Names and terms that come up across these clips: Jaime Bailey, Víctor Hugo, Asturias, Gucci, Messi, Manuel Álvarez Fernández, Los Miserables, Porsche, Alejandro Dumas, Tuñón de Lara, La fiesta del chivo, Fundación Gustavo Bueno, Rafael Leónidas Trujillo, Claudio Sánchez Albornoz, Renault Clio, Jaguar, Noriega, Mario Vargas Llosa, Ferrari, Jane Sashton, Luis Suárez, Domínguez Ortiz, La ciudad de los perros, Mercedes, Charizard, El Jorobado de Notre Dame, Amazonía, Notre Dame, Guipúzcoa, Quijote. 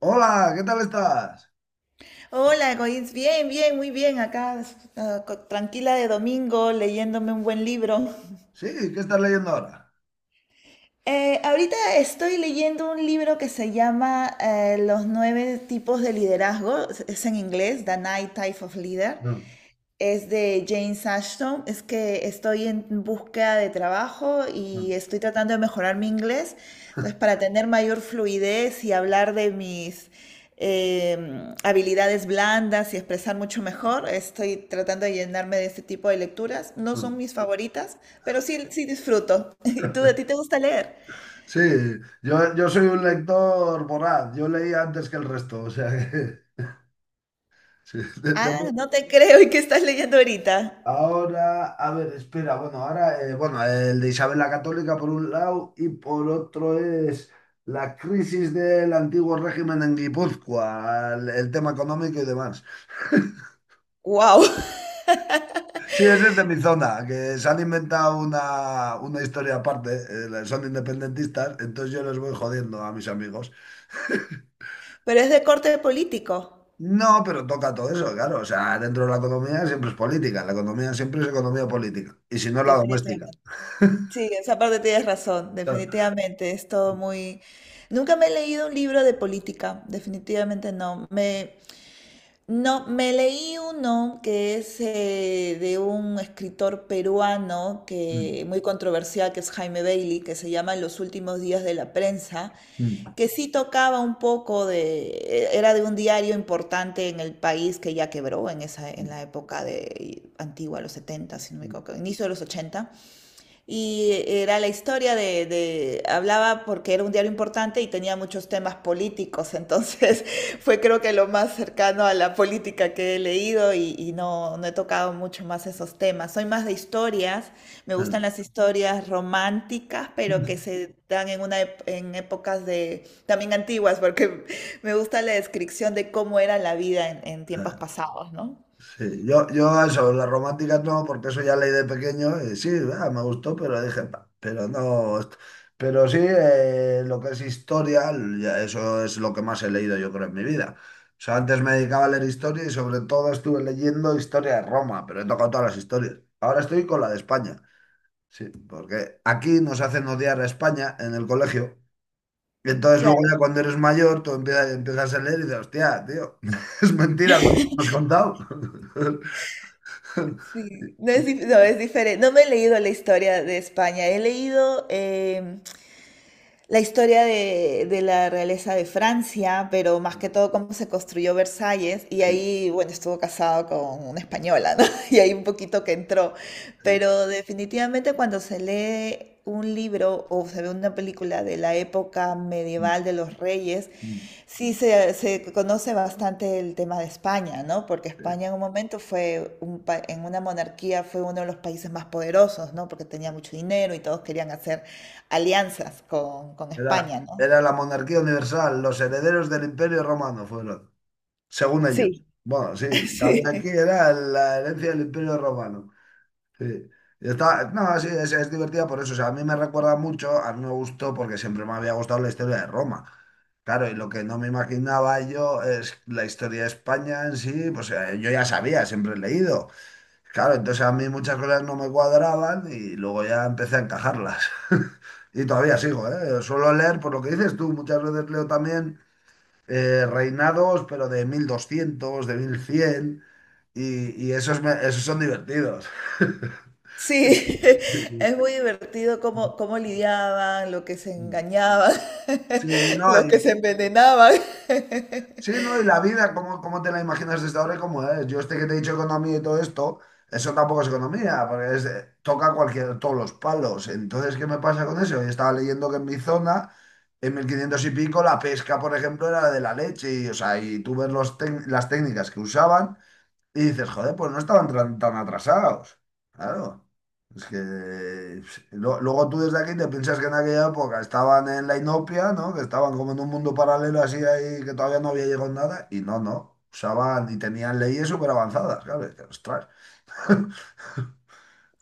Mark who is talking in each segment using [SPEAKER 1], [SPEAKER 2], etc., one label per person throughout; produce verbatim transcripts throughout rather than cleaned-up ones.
[SPEAKER 1] Hola, ¿qué tal estás?
[SPEAKER 2] Hola, Goins, bien, bien, muy bien, acá ah, co- tranquila de domingo, leyéndome un buen libro.
[SPEAKER 1] Sí, ¿qué estás leyendo ahora?
[SPEAKER 2] Eh, ahorita estoy leyendo un libro que se llama eh, Los nueve tipos de liderazgo, es es en inglés, The Nine Types of Leader.
[SPEAKER 1] No,
[SPEAKER 2] Es de Jane Sashton. Es que estoy en búsqueda de trabajo
[SPEAKER 1] no.
[SPEAKER 2] y estoy tratando de mejorar mi inglés. Entonces, para tener mayor fluidez y hablar de mis em, habilidades blandas y expresar mucho mejor, estoy tratando de llenarme de este tipo de lecturas. No son mis favoritas, pero sí, sí disfruto. ¿Y tú, a ti te gusta leer?
[SPEAKER 1] Sí, yo, yo soy un lector voraz, yo leí antes que el resto, o sea que... sí, de-
[SPEAKER 2] Ah,
[SPEAKER 1] de-
[SPEAKER 2] no te creo. ¿Y qué estás leyendo ahorita?
[SPEAKER 1] ahora, a ver, espera, bueno, ahora, eh, bueno, el de Isabel la Católica por un lado y por otro es la crisis del antiguo régimen en Guipúzcoa, el, el tema económico y demás.
[SPEAKER 2] ¡Wow!
[SPEAKER 1] Sí, ese es de mi zona, que se han inventado una, una historia aparte, eh, son independentistas, entonces yo les voy jodiendo a mis amigos.
[SPEAKER 2] Pero es de corte político,
[SPEAKER 1] No, pero toca todo eso, claro, o sea, dentro de la economía siempre es política, la economía siempre es economía política, y si no, la doméstica.
[SPEAKER 2] definitivamente. Sí, esa parte tienes razón,
[SPEAKER 1] Claro.
[SPEAKER 2] definitivamente, es todo muy... Nunca me he leído un libro de política, definitivamente no. Me, no, me leí uno que es eh, de un escritor peruano
[SPEAKER 1] Mm,
[SPEAKER 2] que muy controversial, que es Jaime Bailey, que se llama En los últimos días de la prensa,
[SPEAKER 1] mm,
[SPEAKER 2] que sí tocaba un poco de... Era de un diario importante en el país que ya quebró en esa, en
[SPEAKER 1] mm,
[SPEAKER 2] la época de, antigua, los setenta, si no me
[SPEAKER 1] mm.
[SPEAKER 2] equivoco, inicio de los ochenta. Y era la historia de, de- hablaba porque era un diario importante y tenía muchos temas políticos, entonces fue creo que lo más cercano a la política que he leído y, y no, no he tocado mucho más esos temas. Soy más de historias, me
[SPEAKER 1] Mm,
[SPEAKER 2] gustan
[SPEAKER 1] mm,
[SPEAKER 2] las historias románticas,
[SPEAKER 1] mm,
[SPEAKER 2] pero que
[SPEAKER 1] mm,
[SPEAKER 2] se dan en una ep- en épocas de también antiguas, porque me gusta la descripción de cómo era la vida en, en tiempos
[SPEAKER 1] mm.
[SPEAKER 2] pasados, ¿no?
[SPEAKER 1] Sí, yo, yo eso, las románticas no, porque eso ya leí de pequeño y sí, ah, me gustó, pero dije, "Pa", pero no, est- pero sí, eh, lo que es historia, ya eso es lo que más he leído yo creo en mi vida. O sea, antes me dedicaba a leer historia y sobre todo estuve leyendo historia de Roma, pero he tocado todas las historias. Ahora estoy con la de España, sí, porque aquí nos hacen odiar a España en el colegio. Y entonces luego ya
[SPEAKER 2] Claro.
[SPEAKER 1] cuando eres mayor, tú empiezas, empiezas a leer y dices, hostia, tío, es mentira todo lo que me has contado.
[SPEAKER 2] Sí, no es, dif- no, es diferente. No me he leído la historia de España. He leído, em, la historia de, de la realeza de Francia, pero más que todo cómo se construyó Versalles, y
[SPEAKER 1] Sí,
[SPEAKER 2] ahí, bueno, estuvo casado con una española, ¿no? Y ahí un poquito que entró.
[SPEAKER 1] eh,
[SPEAKER 2] Pero definitivamente cuando se lee un libro o se ve una película de la época
[SPEAKER 1] mm,
[SPEAKER 2] medieval de los reyes,
[SPEAKER 1] mm,
[SPEAKER 2] sí se, se conoce bastante el tema de España, ¿no? Porque España
[SPEAKER 1] eh,
[SPEAKER 2] en un momento fue, un pa- en una monarquía, fue uno de los países más poderosos, ¿no? Porque tenía mucho dinero y todos querían hacer alianzas con, con
[SPEAKER 1] Era,
[SPEAKER 2] España, ¿no?
[SPEAKER 1] era la monarquía universal, los herederos del Imperio Romano fueron, según ellos.
[SPEAKER 2] Sí,
[SPEAKER 1] Bueno, sí, lo que había aquí
[SPEAKER 2] sí,
[SPEAKER 1] era la herencia del Imperio Romano. Sí. Y está- no, sí, es, es divertida por eso. O sea, a mí me recuerda mucho, a mí me gustó porque siempre me había gustado la historia de Roma. Claro, y lo que no me imaginaba yo es la historia de España en sí, pues eh, yo ya sabía, siempre he leído. Claro, entonces a mí muchas cosas no me cuadraban y luego ya empecé a encajarlas. Y todavía sigo, ¿eh? Suelo leer, por lo que dices tú, muchas veces leo también eh, reinados, pero de mil doscientos, de mil cien, y, y esos, me- esos son divertidos.
[SPEAKER 2] sí, es muy divertido cómo, cómo lidiaban, lo que se engañaban,
[SPEAKER 1] Sí, no.
[SPEAKER 2] lo que se envenenaban.
[SPEAKER 1] Sí, no, y la vida, ¿cómo, cómo te la imaginas desde ahora y cómo es? Yo este que te he dicho economía y todo esto, eso tampoco es economía, porque es, eh, toca cualquier, todos los palos. Entonces, ¿qué me pasa con eso? Yo estaba leyendo que en mi zona, en mil quinientos y pico, la pesca, por ejemplo, era de la leche, y, o sea, y tú ves los tec- las técnicas que usaban, y dices, joder, pues no estaban tan, tan atrasados. Claro. Es que pues, lo- luego tú desde aquí te piensas que en aquella época estaban en la inopia, ¿no? Que estaban como en un mundo paralelo así ahí, que todavía no había llegado nada. Y no, no. Usaban y tenían leyes súper avanzadas, claro. Y dices, ostras.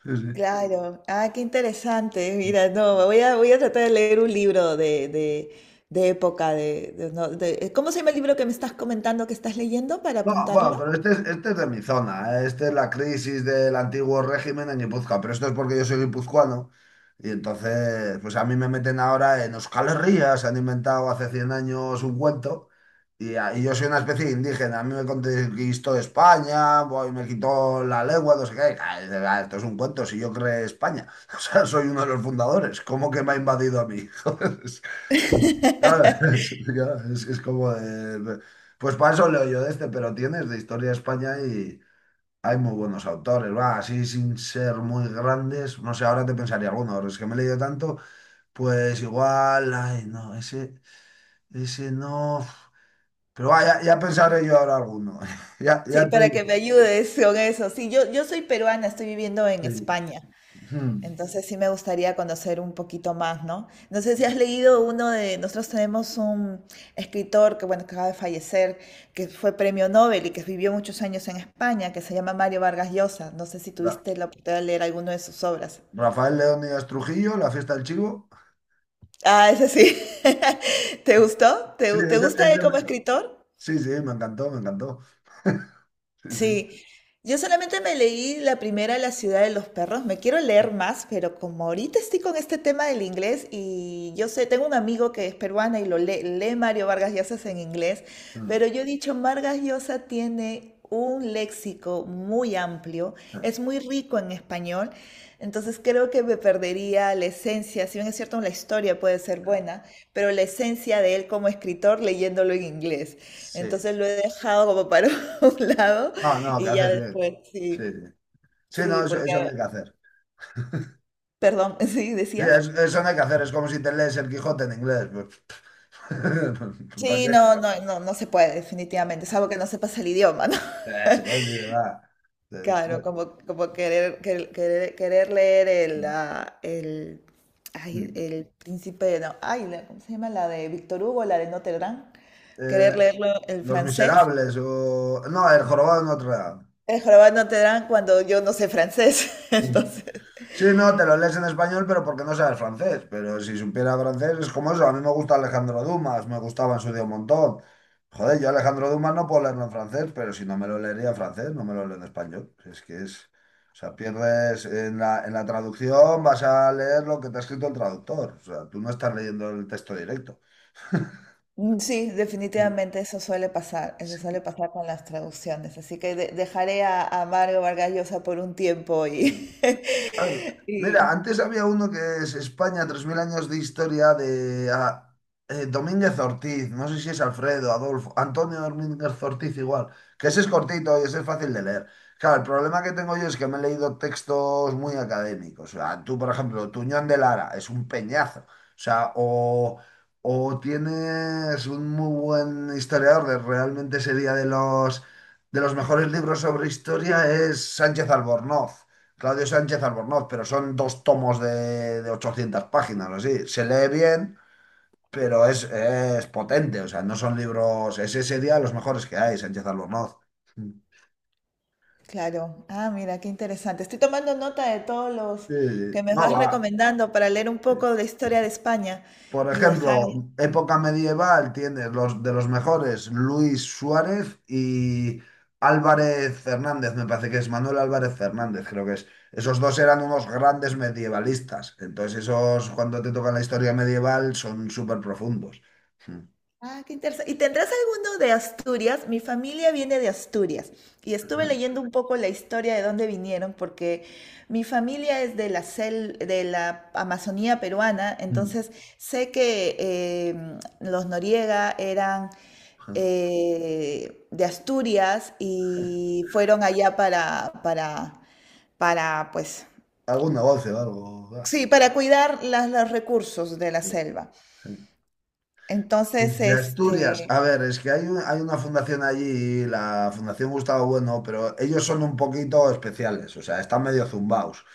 [SPEAKER 2] Claro, ah, qué interesante. Mira, no, voy a, voy a tratar de leer un libro de, de, de época. De, de- no, de- ¿cómo se llama el libro que me estás comentando que estás leyendo para
[SPEAKER 1] No, bueno,
[SPEAKER 2] apuntarlo?
[SPEAKER 1] pero este es, este es de mi zona, ¿eh? Este es la crisis del antiguo régimen en Guipúzcoa, pero esto es porque yo soy guipuzcoano y entonces, pues a mí me meten ahora en Euskal Herria, se han inventado hace cien años un cuento y, a- y yo soy una especie de indígena, a mí me conquistó España, voy, me quitó la lengua, no sé qué, ah, esto es un cuento, si yo creé España, o sea, soy uno de los fundadores, ¿cómo que me ha invadido a mí? Joder, es- claro, es, claro, es- es como de, pues para eso leo yo de este, pero tienes de historia de España y hay muy buenos autores, va, así sin ser muy grandes, no sé, ahora te pensaría alguno, ahora es que me he leído tanto, pues igual, ay, no, ese, ese no, pero va, ya, ya pensaré yo ahora alguno, ya,
[SPEAKER 2] Sí,
[SPEAKER 1] ya te
[SPEAKER 2] para que me
[SPEAKER 1] digo,
[SPEAKER 2] ayudes con eso. Sí, yo, yo soy peruana, estoy viviendo en
[SPEAKER 1] sí.
[SPEAKER 2] España.
[SPEAKER 1] Hmm.
[SPEAKER 2] Entonces sí me gustaría conocer un poquito más, ¿no? No sé si has leído uno de, nosotros tenemos un escritor que, bueno, que acaba de fallecer, que fue premio Nobel y que vivió muchos años en España, que se llama Mario Vargas Llosa. No sé si
[SPEAKER 1] Ra-
[SPEAKER 2] tuviste la oportunidad de leer alguno de sus obras.
[SPEAKER 1] Rafael Leónidas Trujillo, La fiesta del chivo,
[SPEAKER 2] Ah, ese sí. ¿Te gustó?
[SPEAKER 1] sí,
[SPEAKER 2] ¿Te, te
[SPEAKER 1] ese,
[SPEAKER 2] gusta él
[SPEAKER 1] ese
[SPEAKER 2] como
[SPEAKER 1] me-
[SPEAKER 2] escritor?
[SPEAKER 1] sí, sí, me encantó, me encantó, sí, sí.
[SPEAKER 2] Sí, yo solamente me leí la primera, La ciudad de los perros. Me quiero leer más, pero como ahorita estoy con este tema del inglés y yo sé, tengo un amigo que es peruana y lo lee, lee Mario Vargas Llosa en inglés,
[SPEAKER 1] Mm.
[SPEAKER 2] pero yo he dicho, Vargas Llosa tiene un léxico muy amplio, es muy rico en español, entonces creo que me perdería la esencia, si bien es cierto, la historia puede ser buena, pero la esencia de él como escritor leyéndolo en inglés.
[SPEAKER 1] Sí,
[SPEAKER 2] Entonces lo he dejado como para un lado
[SPEAKER 1] no, no, que
[SPEAKER 2] y ya
[SPEAKER 1] haces bien,
[SPEAKER 2] después,
[SPEAKER 1] sí,
[SPEAKER 2] sí,
[SPEAKER 1] sí. Sí, no,
[SPEAKER 2] sí,
[SPEAKER 1] eso,
[SPEAKER 2] porque,
[SPEAKER 1] eso no hay que hacer.
[SPEAKER 2] perdón, sí,
[SPEAKER 1] Sí,
[SPEAKER 2] decías.
[SPEAKER 1] es- eso no hay que hacer. Es como si te lees el Quijote en inglés. Pues, ¿para
[SPEAKER 2] Sí,
[SPEAKER 1] qué?
[SPEAKER 2] no, no, no, no se puede, definitivamente, salvo que no sepas el idioma, ¿no?
[SPEAKER 1] Eso es, dice, va. Eh,
[SPEAKER 2] Claro, como, como querer, querer, querer, querer leer el, ah, el, ay, el príncipe, no, ay, la- ¿cómo se llama? La de Víctor Hugo, la de Notre Dame,
[SPEAKER 1] eh,
[SPEAKER 2] querer leerlo el
[SPEAKER 1] Los
[SPEAKER 2] francés,
[SPEAKER 1] Miserables o... No, El Jorobado de Notre Dame.
[SPEAKER 2] el jorobado de Notre Dame cuando yo no sé francés,
[SPEAKER 1] Mm.
[SPEAKER 2] entonces.
[SPEAKER 1] Sí, no, te lo lees en español, pero porque no sabes francés. Pero si supiera francés, es como eso. A mí me gusta Alejandro Dumas, me gustaba en su día un montón. Joder, yo Alejandro Dumas no puedo leerlo en francés, pero si no me lo leería en francés, no me lo leo en español. Es que es. O sea, pierdes en la, en la traducción, vas a leer lo que te ha escrito el traductor. O sea, tú no estás leyendo el texto directo.
[SPEAKER 2] Mm, sí,
[SPEAKER 1] Mm,
[SPEAKER 2] definitivamente eso suele pasar, eso suele
[SPEAKER 1] sí.
[SPEAKER 2] pasar con las traducciones, así que de- dejaré a, a Mario Vargas Llosa por un tiempo y,
[SPEAKER 1] Claro. Mira,
[SPEAKER 2] y
[SPEAKER 1] antes había uno que es España, tres mil años de historia de ah, eh, Domínguez Ortiz, no sé si es Alfredo, Adolfo, Antonio Domínguez Ortiz igual, que ese es cortito y ese es fácil de leer. Claro, el problema que tengo yo es que me he leído textos muy académicos. O sea, tú, por ejemplo, Tuñón de Lara es un peñazo. O sea, o, o tienes un muy buen historiador, de- realmente sería de los, de los mejores libros sobre historia, es Sánchez Albornoz. Claudio Sánchez Albornoz, pero son dos tomos de, de ochocientas páginas, así. Se lee bien, pero es, es potente, o sea, no son libros, es ese día los mejores que hay, Sánchez Albornoz. Sí,
[SPEAKER 2] claro, ah, mira, qué interesante. Estoy tomando nota de todos los que
[SPEAKER 1] sí.
[SPEAKER 2] me
[SPEAKER 1] No
[SPEAKER 2] vas
[SPEAKER 1] va.
[SPEAKER 2] recomendando para leer un poco de historia de España
[SPEAKER 1] Por
[SPEAKER 2] y
[SPEAKER 1] ejemplo,
[SPEAKER 2] dejar...
[SPEAKER 1] época medieval tienes los de los mejores, Luis Suárez y Álvarez Fernández, me parece que es Manuel Álvarez Fernández, creo que es. Esos dos eran unos grandes medievalistas. Entonces, esos cuando te tocan la historia medieval son súper profundos.
[SPEAKER 2] Ah, qué interesante. ¿Y tendrás alguno de Asturias? Mi familia viene de Asturias y estuve leyendo un poco la historia de dónde vinieron porque mi familia es de la sel- de la Amazonía peruana, entonces sé que em, los Noriega eran eh, de Asturias y fueron allá para, para, para, pues,
[SPEAKER 1] Algún negocio, algo. Ah.
[SPEAKER 2] sí, para cuidar las- los recursos de la selva. Entonces,
[SPEAKER 1] De Asturias,
[SPEAKER 2] este,
[SPEAKER 1] a ver, es que hay, un- hay una fundación allí, la Fundación Gustavo Bueno, pero ellos son un poquito especiales, o sea, están medio zumbaos.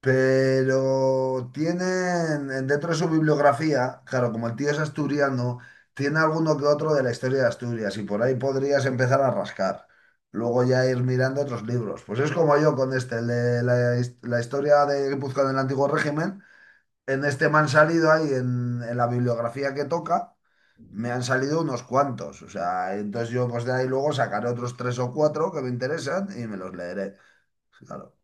[SPEAKER 1] Pero tienen en- dentro de su bibliografía, claro, como el tío es asturiano, tiene alguno que otro de la historia de Asturias y por ahí podrías empezar a rascar. Luego ya ir mirando otros libros. Pues es como yo con este, el de la, his- la historia de Guipúzcoa en el Antiguo Régimen. En este me han salido ahí, en, en la bibliografía que toca, me han salido unos cuantos. O sea, entonces yo pues de ahí luego sacaré otros tres o cuatro que me interesan y me los leeré. Claro.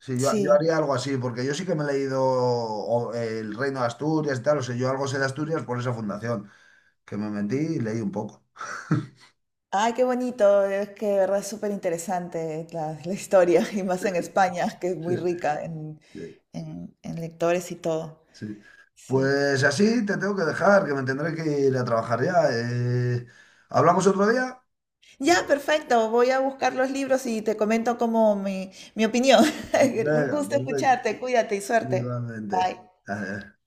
[SPEAKER 1] Sí, yo, yo
[SPEAKER 2] sí.
[SPEAKER 1] haría algo así, porque yo sí que me he leído o, eh, El Reino de Asturias y tal, o sea, yo algo sé de Asturias por esa fundación, que me metí y leí un poco.
[SPEAKER 2] Ay, qué bonito, es que de verdad es súper interesante la, la historia, y más en España, que es
[SPEAKER 1] Sí,
[SPEAKER 2] muy rica en,
[SPEAKER 1] sí,
[SPEAKER 2] en, en lectores y todo.
[SPEAKER 1] sí.
[SPEAKER 2] Sí.
[SPEAKER 1] Pues así te tengo que dejar, que me tendré que ir a trabajar ya. eh. ¿Hablamos otro día?
[SPEAKER 2] Ya, perfecto, voy a buscar los libros y te comento como mi, mi opinión. Un
[SPEAKER 1] Venga,
[SPEAKER 2] gusto
[SPEAKER 1] perfecto.
[SPEAKER 2] escucharte, cuídate y suerte.
[SPEAKER 1] Igualmente.
[SPEAKER 2] Bye.